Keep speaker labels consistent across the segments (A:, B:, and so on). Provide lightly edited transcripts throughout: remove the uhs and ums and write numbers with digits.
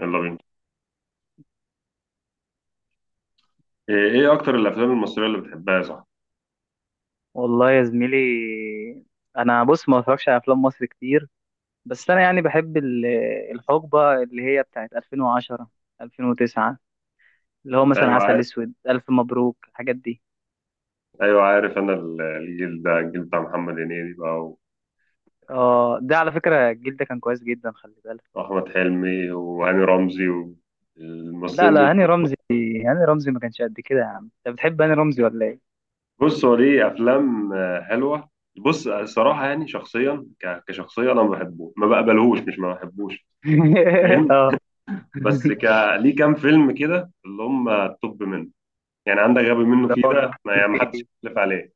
A: يلا بينا. إيه اكتر الافلام المصريه اللي بتحبها يا صاحبي؟
B: والله يا زميلي، انا بص ما بتفرجش على افلام مصر كتير. بس انا يعني بحب الحقبه اللي هي بتاعت 2010 2009، اللي هو مثلا
A: ايوه
B: عسل
A: عارف،
B: اسود، الف مبروك، الحاجات دي.
A: ايوه عارف، انا الجيل ده الجيل بتاع محمد هنيدي بقى،
B: اه، ده على فكره الجيل ده كان كويس جدا، خلي بالك.
A: واحمد حلمي وهاني رمزي
B: لا
A: والممثلين دول.
B: لا، هاني رمزي، هاني رمزي ما كانش قد كده. يا عم انت بتحب هاني رمزي ولا ايه؟
A: بص، هو ليه افلام حلوه. بص الصراحه، يعني شخصيا كشخصيه انا ما بحبه، ما بقبلهوش، مش ما بحبوش. فاهم؟
B: اه.
A: بس ليه كام فيلم كده اللي هم التوب منه. يعني عندك غبي منه،
B: اللي
A: فيه
B: هو
A: ده ما
B: كانوا
A: يعني، ما حدش
B: فيه.
A: يختلف عليه.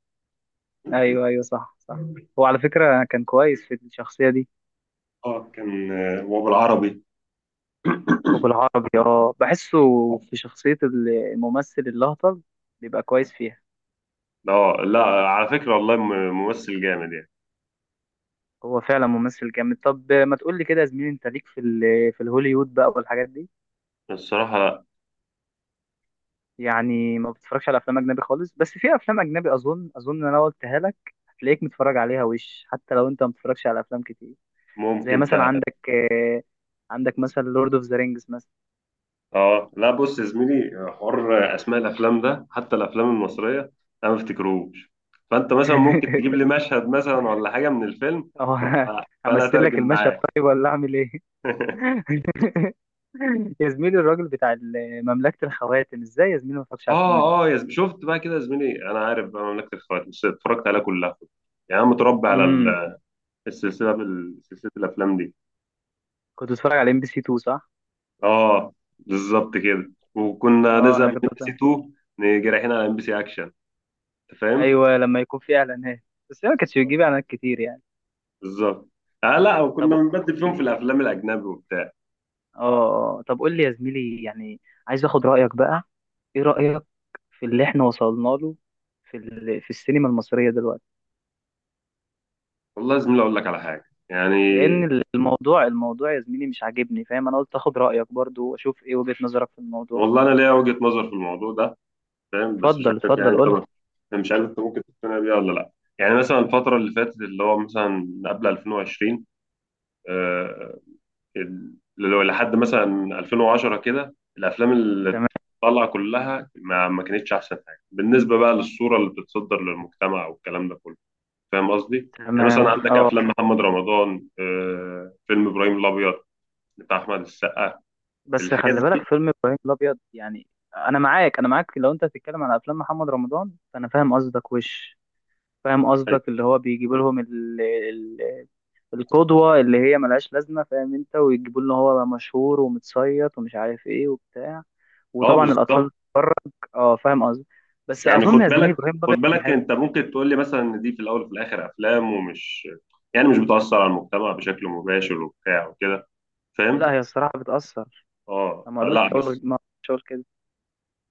B: ايوه ايوه، صح صح، هو على فكره كان كويس في الشخصيه دي.
A: اه كان، وبالعربي.
B: وبالعربي بحسه في شخصية الممثل الهطل، بيبقى كويس فيها.
A: اه لا، على فكرة والله ممثل جامد يعني.
B: هو فعلا ممثل جامد. طب ما تقول لي كده يا زميلي، انت ليك في الهوليوود بقى والحاجات دي؟
A: الصراحة لا.
B: يعني ما بتتفرجش على افلام اجنبي خالص، بس في افلام اجنبي اظن إن انا قلتها لك، هتلاقيك متفرج عليها وش، حتى لو انت ما بتتفرجش على افلام كتير. زي
A: ممكن
B: مثلا
A: فعلا.
B: عندك مثلا لورد اوف ذا رينجز مثلا.
A: اه لا، بص يا زميلي، حوار اسماء الافلام ده حتى الافلام المصرية انا ما افتكرهوش. فانت مثلا ممكن تجيب لي مشهد مثلا ولا حاجة من الفيلم.
B: اه،
A: فانا
B: همثل لك
A: اترجم
B: المشهد
A: معاك.
B: طيب ولا اعمل ايه؟ يا زميلي، الراجل بتاع مملكة الخواتم، ازاي يا زميلي ما اتفرجش على الفيلم ده؟
A: اه اه يا زميلي، شفت بقى كده يا زميلي؟ انا عارف بقى مملكة الخواتم، بس اتفرجت عليها كلها. يعني انا متربي على
B: امم
A: السلسلة، سلسلة الافلام دي.
B: كنت بتفرج على ام بي سي 2، صح؟
A: اه بالظبط كده، وكنا
B: اه،
A: نزهق
B: انا
A: من
B: كنت
A: ام بي سي
B: بتفرج.
A: 2، نيجي رايحين على ام بي سي اكشن. انت فاهم.
B: ايوه لما يكون في اعلانات، بس هي ما كانتش بتجيب اعلانات كتير يعني.
A: بالظبط. اه لا،
B: طب
A: وكنا
B: قول
A: بنبدل فيهم في
B: لي-
A: الافلام الاجنبي وبتاع.
B: اه طب قول لي يا زميلي يعني، عايز اخد رأيك بقى. ايه رأيك في اللي احنا وصلنا له في السينما المصرية دلوقتي؟
A: والله يا زميلي اقول لك على حاجه يعني.
B: لان الموضوع يا زميلي مش عاجبني فاهم، انا قلت اخد رأيك برضو واشوف ايه وجهة نظرك في الموضوع.
A: والله انا ليا وجهه نظر في الموضوع ده، فاهم، بس مش
B: اتفضل
A: عارف
B: اتفضل،
A: يعني انت.
B: قولها.
A: انا مش عارف انت ممكن تقتنع بيها ولا لا. يعني مثلا الفتره اللي فاتت، اللي هو مثلا قبل 2020، آه، اللي هو لحد مثلا 2010 كده، الافلام اللي
B: تمام
A: طالعه كلها ما كانتش احسن حاجه بالنسبه بقى للصوره اللي بتتصدر للمجتمع والكلام ده كله. فاهم قصدي؟ يعني
B: تمام،
A: مثلا عندك
B: اه،
A: افلام محمد رمضان، فيلم ابراهيم الابيض بتاع احمد السقا،
B: بس
A: الحاجات
B: خلي
A: دي.
B: بالك فيلم ابراهيم الابيض يعني. انا معاك، انا معاك، لو انت هتتكلم على افلام محمد رمضان فانا فاهم قصدك وش. فاهم قصدك، اللي هو بيجيب لهم القدوه اللي هي ملهاش لازمه فاهم انت، ويجيبوا له هو مشهور ومتصيط ومش عارف ايه وبتاع،
A: اه
B: وطبعا الاطفال.
A: بالظبط.
B: اه، فاهم قصدي. بس
A: يعني خد
B: اظن يا زميلي
A: بالك،
B: ابراهيم
A: خد
B: الابيض كان
A: بالك
B: حلو.
A: انت ممكن تقول لي مثلا ان دي في الاول وفي الاخر افلام، ومش، يعني مش بتاثر على المجتمع بشكل مباشر وبتاع وكده. فاهم؟
B: لا، هي الصراحه بتاثر.
A: اه
B: انا ما اقدرش
A: فلا
B: اقول
A: بس.
B: ما اقدرش اقول كده.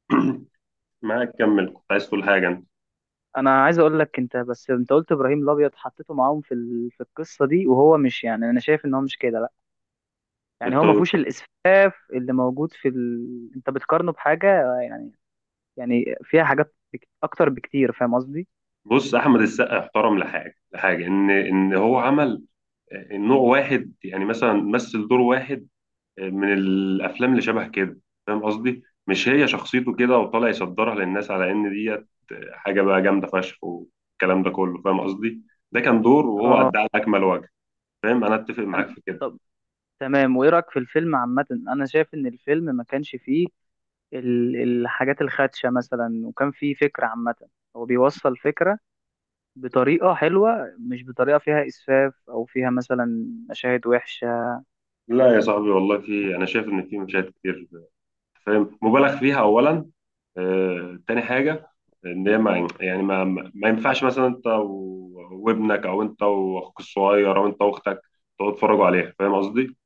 A: معاك، كمل، كنت عايز تقول حاجه انت.
B: انا عايز اقول لك انت، بس انت قلت ابراهيم الابيض حطيته معاهم في القصه دي، وهو مش يعني انا شايف ان هو مش كده. يعني
A: بت-
B: هو ما فيهوش الاسفاف اللي موجود انت بتقارنه بحاجه يعني، يعني فيها حاجات اكتر بكتير، فاهم قصدي.
A: بص احمد السقا احترم لحاجه لحاجه ان هو عمل نوع واحد، يعني مثلا مثل دور واحد من الافلام اللي شبه كده. فاهم قصدي؟ مش هي شخصيته كده وطالع يصدرها للناس على ان دي حاجه بقى جامده فشخ والكلام ده كله، فاهم قصدي؟ ده كان دور وهو
B: اه،
A: ادى على اكمل وجه. فاهم، انا اتفق معاك في كده.
B: طب تمام. وايه رايك في الفيلم عامه؟ انا شايف ان الفيلم ما كانش فيه الحاجات الخادشه مثلا، وكان فيه فكره عامه. هو بيوصل فكره بطريقه حلوه، مش بطريقه فيها اسفاف او فيها مثلا مشاهد وحشه.
A: لا يا صاحبي والله، في، انا شايف ان في مشاهد كتير، فاهم، مبالغ فيها اولا. تاني حاجه، ان هي ما يعني، ما ينفعش مثلا انت وابنك او انت واخوك الصغير او انت واختك تقعدوا تتفرجوا عليها. فاهم قصدي؟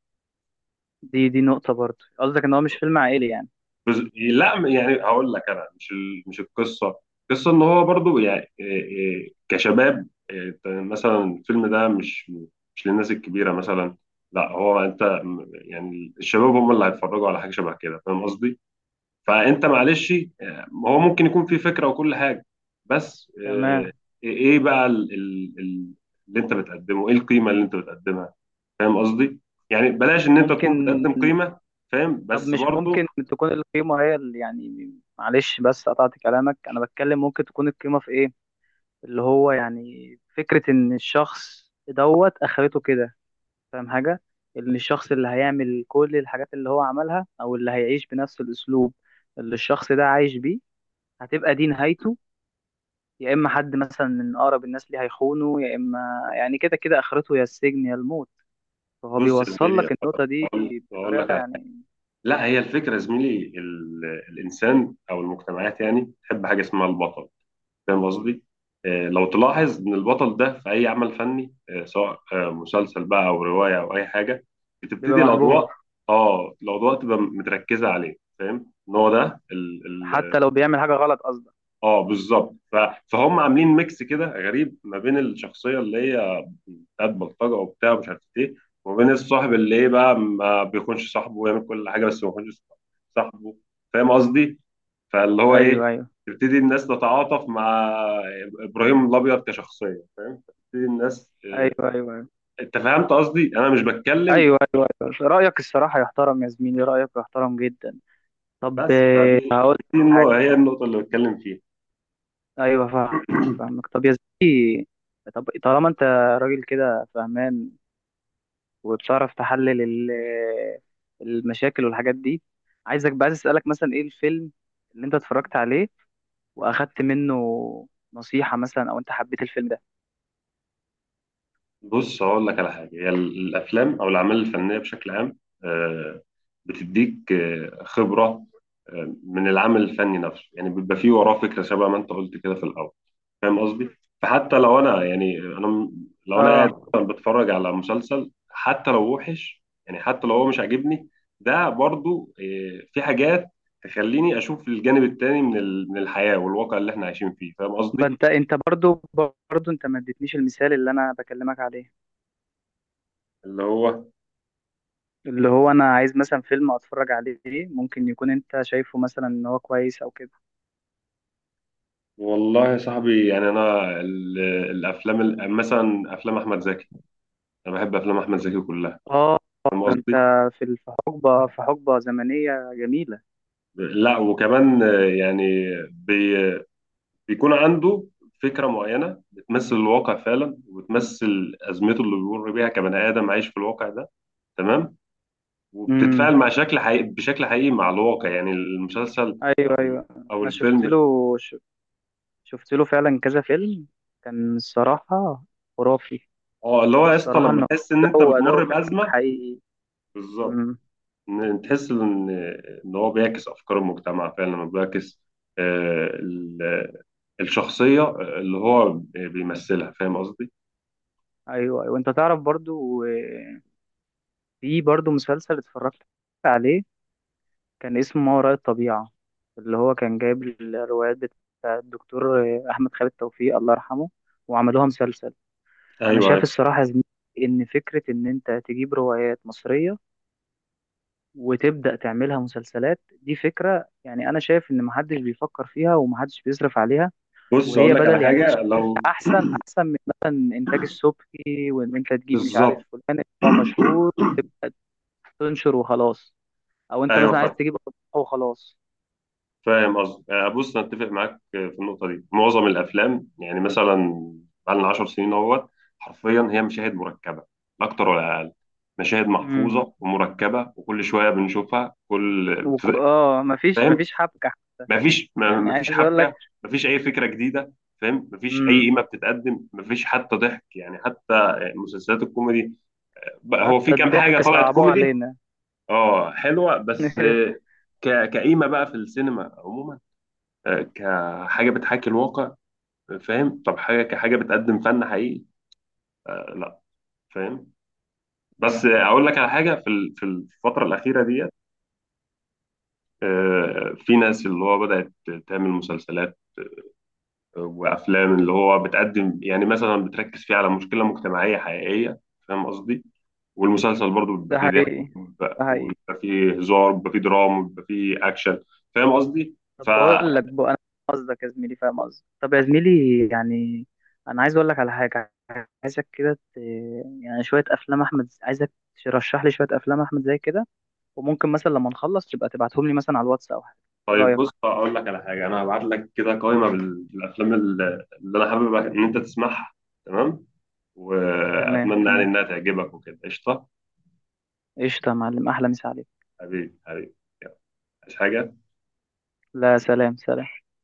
B: دي نقطه برضه، قصدك ان هو مش فيلم عائلي يعني.
A: لا يعني هقول لك، انا مش مش القصه. القصه ان هو برضو، يعني إيه، كشباب، إيه، أنت مثلا، الفيلم ده مش للناس الكبيره مثلا. لا هو انت يعني الشباب هم اللي هيتفرجوا على حاجه شبه كده. فاهم قصدي؟ فانت معلش، هو ممكن يكون في فكره وكل حاجه، بس
B: تمام،
A: ايه بقى اللي انت بتقدمه؟ ايه القيمه اللي انت بتقدمها؟ فاهم قصدي؟ يعني بلاش ان انت تكون
B: ممكن.
A: بتقدم قيمه. فاهم
B: طب
A: بس
B: مش
A: برضو.
B: ممكن تكون القيمة هي اللي يعني، معلش بس قطعت كلامك، أنا بتكلم. ممكن تكون القيمة في إيه؟ اللي هو يعني فكرة إن الشخص دوت أخرته كده، فاهم حاجة؟ إن الشخص اللي هيعمل كل الحاجات اللي هو عملها، أو اللي هيعيش بنفس الأسلوب اللي الشخص ده عايش بيه، هتبقى دي نهايته. يا إما حد مثلا من أقرب الناس ليه هيخونه، يا إما يعني كده كده آخرته، يا السجن يا الموت. فهو
A: بص يا
B: بيوصل
A: زميلي،
B: لك النقطة دي
A: بقول لك
B: بطريقة يعني،
A: لا، هي الفكره يا زميلي، الانسان او المجتمعات يعني تحب حاجه اسمها البطل. فاهم قصدي؟ لو تلاحظ ان البطل ده في اي عمل فني، سواء مسلسل بقى او روايه او اي حاجه،
B: بيبقى
A: بتبتدي الاضواء.
B: محبوب
A: اه، الاضواء تبقى متركزه عليه. فاهم؟ ان هو ده.
B: حتى لو بيعمل حاجة غلط قصدي.
A: اه بالظبط. فهم عاملين ميكس كده غريب ما بين الشخصيه اللي هي بتاعت بلطجه وبتاع ومش عارف ايه، وما بين الصاحب اللي ايه بقى ما بيخونش صاحبه، ويعمل كل حاجه بس ما بيخونش صاحبه. فاهم قصدي؟ فاللي هو ايه،
B: ايوه، ايوه،
A: تبتدي الناس تتعاطف مع ابراهيم الابيض كشخصيه. فاهم؟ تبتدي الناس،
B: ايوه،
A: اه،
B: ايوه، ايوه،
A: انت فهمت قصدي؟ انا مش بتكلم
B: ايوه، ايوه، ايوه، رايك الصراحه يحترم يا زميلي، رايك يحترم جدا. طب،
A: بس، فدي
B: هقول لك حاجه.
A: هي النقطه اللي بتكلم فيها.
B: ايوه فاهمك فاهمك. طب يا زميلي، طب طالما انت راجل كده فهمان، وبتعرف تحلل المشاكل والحاجات دي، عايزك بقى، عايز اسالك مثلا ايه الفيلم اللي انت اتفرجت عليه واخدت منه نصيحه، مثلا او انت حبيت الفيلم ده.
A: بص هقول لك على حاجة، هي الأفلام أو الأعمال الفنية بشكل عام، آه، بتديك خبرة من العمل الفني نفسه. يعني بيبقى فيه وراه فكرة شبه ما أنت قلت كده في الأول. فاهم قصدي؟ فحتى لو أنا، يعني أنا لو أنا
B: اه،
A: قاعد مثلاً بتفرج على مسلسل، حتى لو وحش يعني، حتى لو هو مش عاجبني، ده برضو في حاجات تخليني أشوف الجانب التاني من من الحياة والواقع اللي إحنا عايشين فيه. فاهم
B: ما
A: قصدي؟
B: انت برضو انت ما اديتنيش المثال اللي انا بكلمك عليه،
A: اللي هو،
B: اللي هو انا عايز مثلا فيلم اتفرج عليه، ممكن يكون انت شايفه مثلا ان هو كويس او كده.
A: والله يا صاحبي يعني انا الافلام، مثلا افلام احمد زكي، انا بحب افلام احمد زكي كلها.
B: اه،
A: فاهم
B: ده انت
A: قصدي.
B: في حقبة زمنية جميلة.
A: لا وكمان، يعني بي بيكون عنده فكره معينه بتمثل الواقع فعلا، وبتمثل ازمته اللي بيمر بيها كبني ادم عايش في الواقع ده. تمام.
B: امم،
A: وبتتفاعل مع شكل حقيقي، بشكل حقيقي مع الواقع. يعني المسلسل او
B: ايوه ايوه،
A: او
B: انا شفت له
A: الفيلم.
B: ش- شفت له فعلا كذا فيلم، كان الصراحة خرافي.
A: اه، اللي هو يا اسطى،
B: الصراحة
A: لما
B: ان
A: تحس ان انت
B: هو اداؤه
A: بتمر
B: فعلا
A: بازمه.
B: حقيقي.
A: بالظبط.
B: امم،
A: تحس ان هو بيعكس افكار المجتمع فعلا، لما بيعكس آه، ال- الشخصيه اللي هو بيمثلها. فاهم قصدي.
B: ايوه ايوه، انت تعرف برضو في برضو مسلسل اتفرجت عليه، كان اسمه ما وراء الطبيعة، اللي هو كان جايب الروايات بتاع الدكتور أحمد خالد توفيق، الله يرحمه، وعملوها مسلسل. أنا
A: ايوه،
B: شايف
A: أيوة.
B: الصراحة يا زميلي إن فكرة إن أنت تجيب روايات مصرية وتبدأ تعملها مسلسلات، دي فكرة يعني أنا شايف إن محدش بيفكر فيها ومحدش بيصرف عليها.
A: بص اقول
B: وهي
A: لك على
B: بدل، يعني أنا شايف
A: حاجه لو...
B: إنها أحسن أحسن من مثلا إنتاج السبكي، وإن أنت تجيب مش عارف
A: بالظبط.
B: فلان هو مشهور تنشر وخلاص، أو أنت
A: ايوه
B: مثلا عايز
A: فاهم،
B: تجيب أضواء وخلاص.
A: فاهم قصدي. بص، انا اتفق معاك في النقطه دي. معظم الافلام يعني مثلا بقالنا 10 سنين اهوت، حرفيا هي مشاهد مركبه، لا اكتر ولا اقل. مشاهد محفوظه ومركبه وكل شويه بنشوفها كل.
B: اه، مفيش
A: فاهم،
B: مفيش حبكة.
A: مفيش
B: يعني
A: مفيش
B: عايز اقول لك،
A: حبكه، مفيش اي فكره جديده. فاهم، مفيش اي
B: امم
A: قيمه بتتقدم، مفيش حتى ضحك، يعني حتى مسلسلات الكوميدي بقى، هو في
B: حتى
A: كام حاجه
B: الضحك
A: طلعت
B: صعبوه
A: كوميدي؟
B: علينا.
A: اه حلوه، بس كقيمه بقى في السينما عموما، كحاجه بتحاكي الواقع، فاهم؟ طب حاجه كحاجه بتقدم فن حقيقي، لا. فاهم. بس اقول لك على حاجه، في في الفتره الاخيره ديت، في ناس اللي هو بدات تعمل مسلسلات وافلام اللي هو بتقدم، يعني مثلا بتركز فيه على مشكله مجتمعيه حقيقيه. فاهم قصدي. والمسلسل برضو بيبقى
B: ده
A: فيه ضحك،
B: حقيقي،
A: وبيبقى
B: ده حقيقي.
A: وبيبقى فيه هزار، وبيبقى فيه دراما، وبيبقى فيه اكشن. فاهم قصدي.
B: طب
A: ف
B: بقول لك بقى انا، فاهم قصدك يا زميلي، فاهم قصدك، طب يا زميلي يعني، انا عايز اقول لك على حاجة. عايزك كده يعني شوية افلام احمد، عايزك ترشح لي شوية افلام احمد زي كده. وممكن مثلا لما نخلص تبقى تبعتهم لي مثلا على الواتس او حاجة، ايه
A: طيب،
B: رأيك؟
A: بص اقول لك على حاجه، انا هبعت لك كده قائمه بالافلام اللي انا حابب ان انت تسمعها. تمام.
B: تمام
A: واتمنى يعني
B: تمام،
A: انها تعجبك وكده، قشطه.
B: قشطة يا معلم، احلى مسا عليك.
A: حبيبي حبيبي. يلا. عايز حاجه؟
B: لا، سلام سلام.